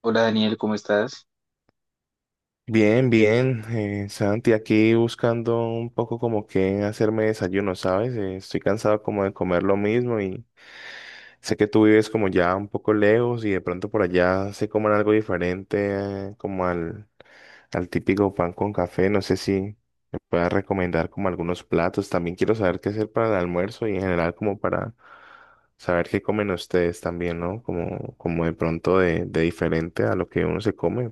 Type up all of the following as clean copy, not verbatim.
Hola Daniel, ¿cómo estás? Bien, bien, Santi, aquí buscando un poco como que hacerme desayuno, ¿sabes? Estoy cansado como de comer lo mismo y sé que tú vives como ya un poco lejos y de pronto por allá se coman algo diferente, como al típico pan con café. No sé si me puedas recomendar como algunos platos. También quiero saber qué hacer para el almuerzo y en general como para saber qué comen ustedes también, ¿no? Como, como de pronto de diferente a lo que uno se come.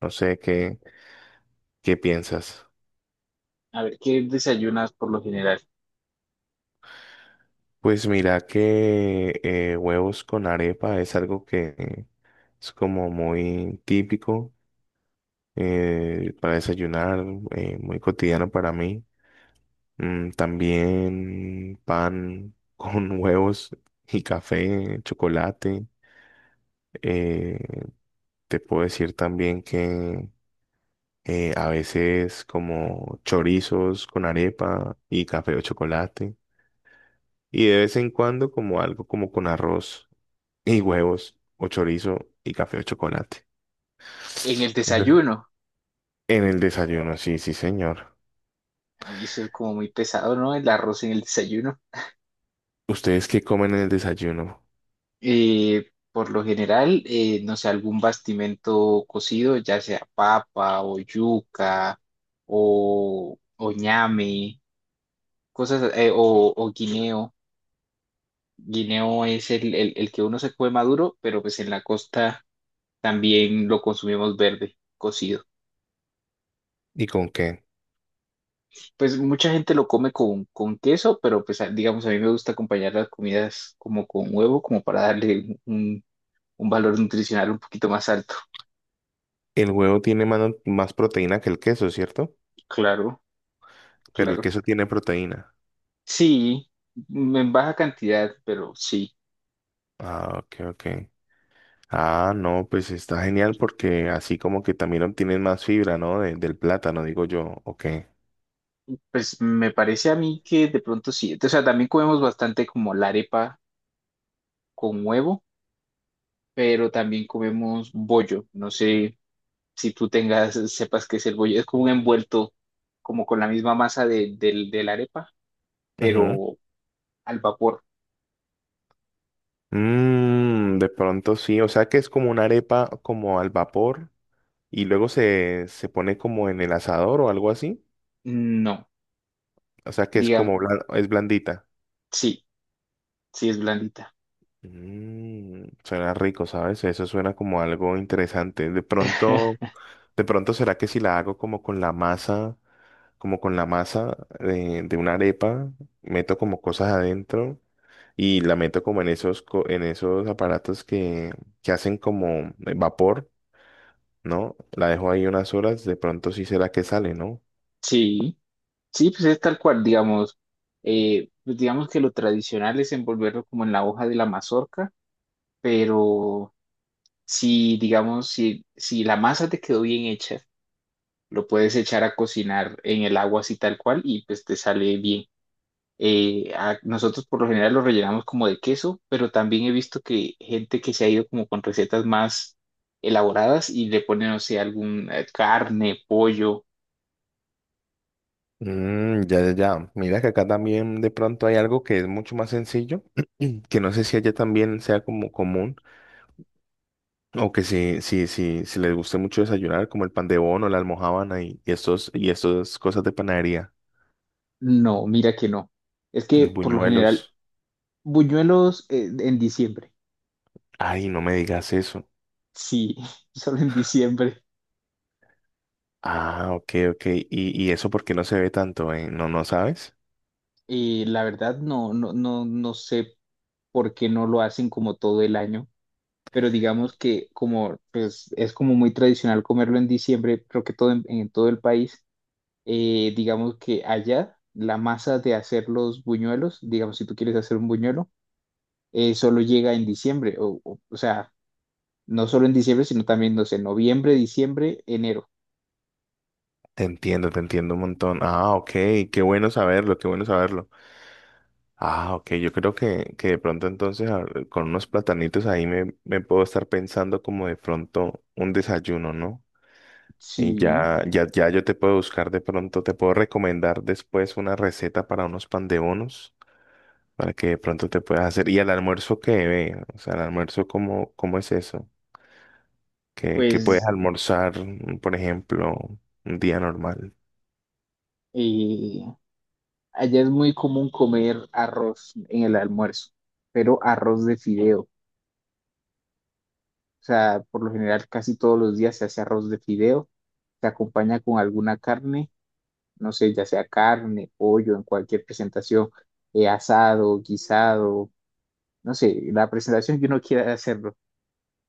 No sé qué. ¿Qué piensas? A ver, ¿qué desayunas por lo general? Pues mira que huevos con arepa es algo que es como muy típico, para desayunar, muy cotidiano para mí. Mm, también pan con huevos y café, chocolate. Eh, Te puedo decir también que a veces como chorizos con arepa y café o chocolate. Y de vez en cuando como algo como con arroz, y huevos o chorizo y café o chocolate. En el Eso es. desayuno. En el desayuno, sí, sí, señor. Uy, eso es como muy pesado, ¿no? El arroz en el desayuno. ¿Ustedes qué comen en el desayuno? Por lo general, no sé, algún bastimento cocido, ya sea papa o yuca o ñame, cosas, o guineo. Guineo es el que uno se come maduro, pero pues en la costa también lo consumimos verde, cocido. ¿Y con qué? Pues mucha gente lo come con queso, pero pues a- digamos, a mí me gusta acompañar las comidas como con huevo, como para darle un valor nutricional un poquito más alto. El huevo tiene más proteína que el queso, ¿cierto? Claro, Pero el claro. queso tiene proteína. Sí, m- en baja cantidad, pero sí. Ah, ok, ok. Ah, no, pues está genial porque así como que también obtienen más fibra, ¿no? Del plátano, digo yo. Ok. Pues me parece a mí que de pronto sí. O sea, también comemos bastante como la arepa con huevo, pero también comemos bollo. No sé si tú tengas, sepas qué es el bollo. Es como un envuelto, como con la misma masa del de la arepa, Ujú. pero al vapor. Mm, de pronto sí, o sea que es como una arepa como al vapor, y luego se pone como en el asador o algo así. No, O sea que es digamos, como es blandita. sí, sí es blandita. Mm, suena rico, ¿sabes? Eso suena como algo interesante. De pronto será que si la hago como con la masa, como con la masa de una arepa, meto como cosas adentro y la meto como en esos, en esos aparatos que hacen como vapor, ¿no? La dejo ahí unas horas, de pronto sí será que sale, ¿no? Sí, sí, pues es tal cual, digamos, pues digamos que lo tradicional es envolverlo como en la hoja de la mazorca, pero si, digamos, si la masa te quedó bien hecha, lo puedes echar a cocinar en el agua así tal cual y pues te sale bien. A- nosotros por lo general lo rellenamos como de queso, pero también he visto que gente que se ha ido como con recetas más elaboradas y le ponen, no sé, algún carne, pollo. Mm, ya, ya, ya. Mira que acá también de pronto hay algo que es mucho más sencillo, que no sé si allá también sea como común o que si, si, si, si les guste mucho desayunar, como el pan de bono, la almojábana y estos, y estas cosas de panadería, No, mira que no. Es mm, que por lo general, buñuelos. buñuelos en diciembre. Ay, no me digas eso. Sí, solo en diciembre. Ah, ok, ok. Y eso porque no se ve tanto, ¿eh? No, no sabes. La verdad no, no, no, no sé por qué no lo hacen como todo el año, pero digamos que como pues, es como muy tradicional comerlo en diciembre, creo que todo en todo el país. Eh, digamos que allá la masa de hacer los buñuelos, digamos si tú quieres hacer un buñuelo, solo llega en diciembre, o sea, no solo en diciembre, sino también, no sé, noviembre, diciembre, enero. Te entiendo un montón. Ah, ok, qué bueno saberlo, qué bueno saberlo. Ah, ok, yo creo que de pronto entonces con unos platanitos ahí me, me puedo estar pensando como de pronto un desayuno, ¿no? Y Sí, ya, ya, ya yo te puedo buscar de pronto, te puedo recomendar después una receta para unos pan de bonos, para que de pronto te puedas hacer. ¿Y al almuerzo qué ve? O sea, el almuerzo, ¿cómo, cómo es eso? ¿Qué, qué puedes pues almorzar, mm, por ejemplo, un día normal? eh, allá es muy común comer arroz en el almuerzo, pero arroz de fideo. O sea, por lo general casi todos los días se hace arroz de fideo, se acompaña con alguna carne, no sé, ya sea carne, pollo, en cualquier presentación, asado, guisado, no sé, la presentación que uno quiera hacerlo.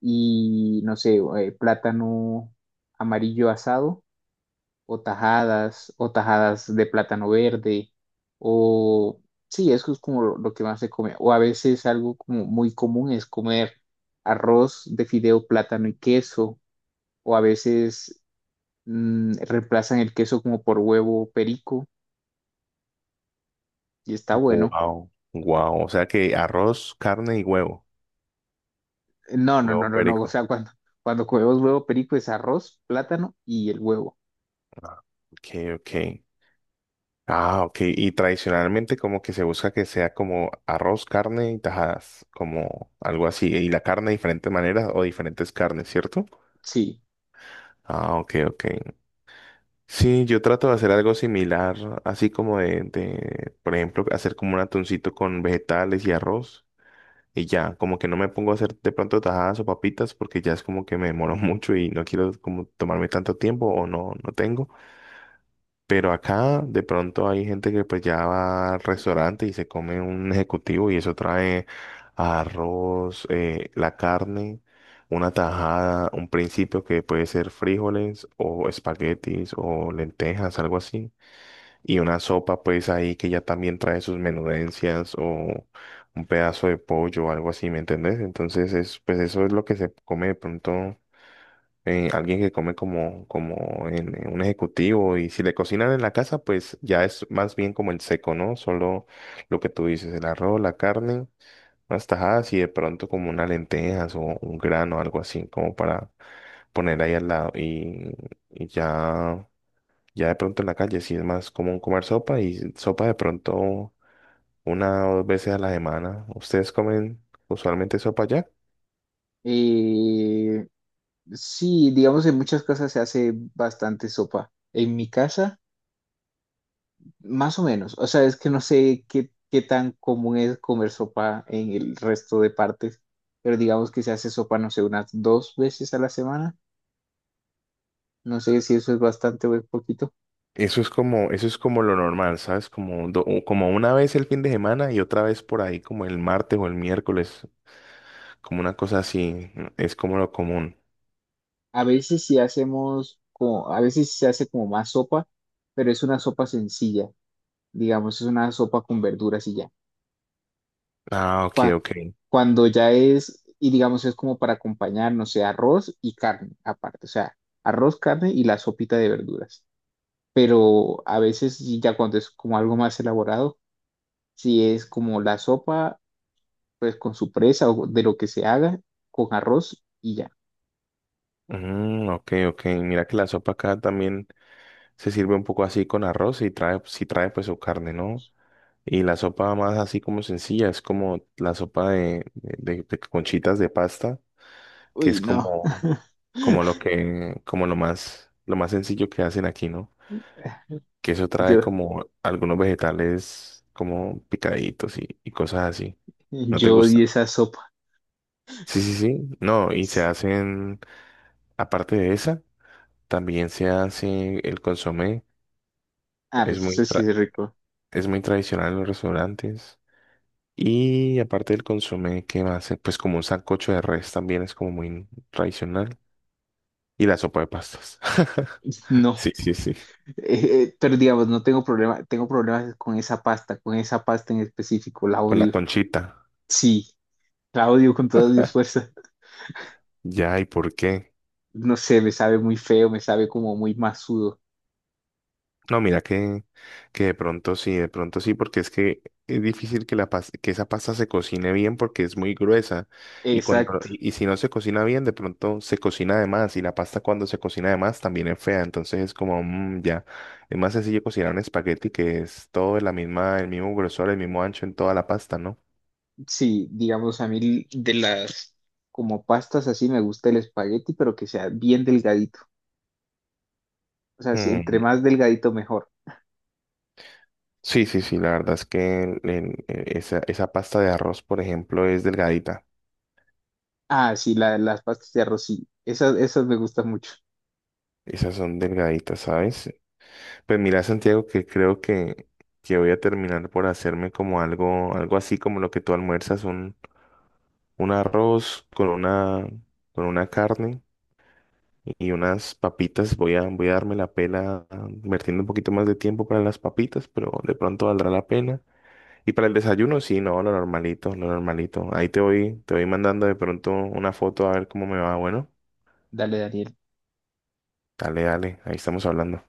Y no sé, plátano amarillo asado o tajadas de plátano verde o sí, eso es como lo que más se come. O a veces algo como muy común es comer arroz de fideo, plátano y queso o a veces reemplazan el queso como por huevo perico y está bueno. Wow, wow. O sea que arroz, carne y huevo, No, no, huevo no, no, no. O perico. sea, cuando comemos huevo perico es arroz, plátano y el huevo. Ah, ok, ok. Ah, ok. Y tradicionalmente como que se busca que sea como arroz, carne y tajadas, como algo así. Y la carne de diferentes maneras o diferentes carnes, ¿cierto? Sí. Ah, ok, ok. Sí, yo trato de hacer algo similar, así como de, por ejemplo, hacer como un atuncito con vegetales y arroz. Y ya, como que no me pongo a hacer de pronto tajadas o papitas porque ya es como que me demoro mucho y no quiero como tomarme tanto tiempo o no, no tengo. Pero acá de pronto hay gente que pues ya va al restaurante y se come un ejecutivo y eso trae arroz, la carne, una tajada, un principio que puede ser frijoles o espaguetis o lentejas, algo así. Y una sopa pues ahí que ya también trae sus menudencias o un pedazo de pollo o algo así, ¿me entendés? Entonces es, pues eso es lo que se come de pronto, alguien que come como, como en un ejecutivo, y si le cocinan en la casa, pues ya es más bien como el seco, ¿no? Solo lo que tú dices, el arroz, la carne, unas tajadas y de pronto como unas lentejas o un grano, algo así, como para poner ahí al lado y ya, ya de pronto en la calle, sí es más común comer sopa y sopa de pronto una o dos veces a la semana. ¿Ustedes comen usualmente sopa ya? Eh, sí, digamos en muchas casas se hace bastante sopa. En mi casa, más o menos. O sea, es que no sé qué, qué tan común es comer sopa en el resto de partes, pero digamos que se hace sopa, no sé, unas 2 veces a la semana. No sé si eso es bastante o es poquito. Eso es como lo normal, ¿sabes? Como, como una vez el fin de semana y otra vez por ahí, como el martes o el miércoles, como una cosa así, mm, es como lo común. A veces sí hacemos como, a veces sí se hace como más sopa, pero es una sopa sencilla. Digamos, es una sopa con verduras y ya. Ah, ok, Cua- ok. cuando ya es, y digamos, es como para acompañar, no sé, arroz y carne aparte, o sea, arroz, carne y la sopita de verduras. Pero a veces, sí, ya cuando es como algo más elaborado, si es como la sopa, pues con su presa o de lo que se haga, con arroz y ya. Mm, ok, ok. Mira que la sopa acá también se sirve un poco así con arroz y trae, si trae pues su carne, ¿no? Y la sopa más así como sencilla, es como la sopa de conchitas de pasta, que Uy, es no. como, como lo que, como lo más sencillo que hacen aquí, ¿no? Que eso trae Yo, como algunos vegetales como picaditos y cosas así. ¿No te yo gusta? odio esa sopa. Sí, sí, sí. No, y se hacen, aparte de esa, también se hace el consomé. Ah, Es pues eso sí es rico. es muy tradicional en los restaurantes. Y aparte del consomé, ¿qué más? Pues como un sancocho de res también es como muy tradicional. Y la sopa de pastas. No. Sí, sí, sí. Pero digamos, no tengo problema, tengo problemas con esa pasta en específico, la Con la odio. conchita. Sí, la odio con todas mis fuerzas. Ya, ¿y por qué? No sé, me sabe muy feo, me sabe como muy masudo. No, mira que de pronto sí, porque es que es difícil que, que esa pasta se cocine bien porque es muy gruesa y, cuando, Exacto. Y si no se cocina bien, de pronto se cocina de más y la pasta cuando se cocina de más también es fea, entonces es como, mm, ya, es más sencillo cocinar un espagueti que es todo de la misma, el mismo grosor, el mismo ancho en toda la pasta, ¿no? Sí, digamos, a mí de las como pastas así me gusta el espagueti, pero que sea bien delgadito. O sea, si entre Mm, más delgadito mejor. sí, sí, sí, la verdad es que esa, esa pasta de arroz, por ejemplo, es delgadita. Ah, sí, la- las pastas de arroz, sí. Esas, esas me gustan mucho. Esas son delgaditas, ¿sabes? Pues mira, Santiago, que creo que voy a terminar por hacerme como algo, algo así como lo que tú almuerzas, un arroz con una carne y unas papitas. Voy a, voy a darme la pela, ah, invirtiendo un poquito más de tiempo para las papitas, pero de pronto valdrá la pena. Y para el desayuno, sí, no, lo normalito, lo normalito. Ahí te voy mandando de pronto una foto a ver cómo me va. Bueno, Dale, Daniel. dale, dale, ahí estamos hablando.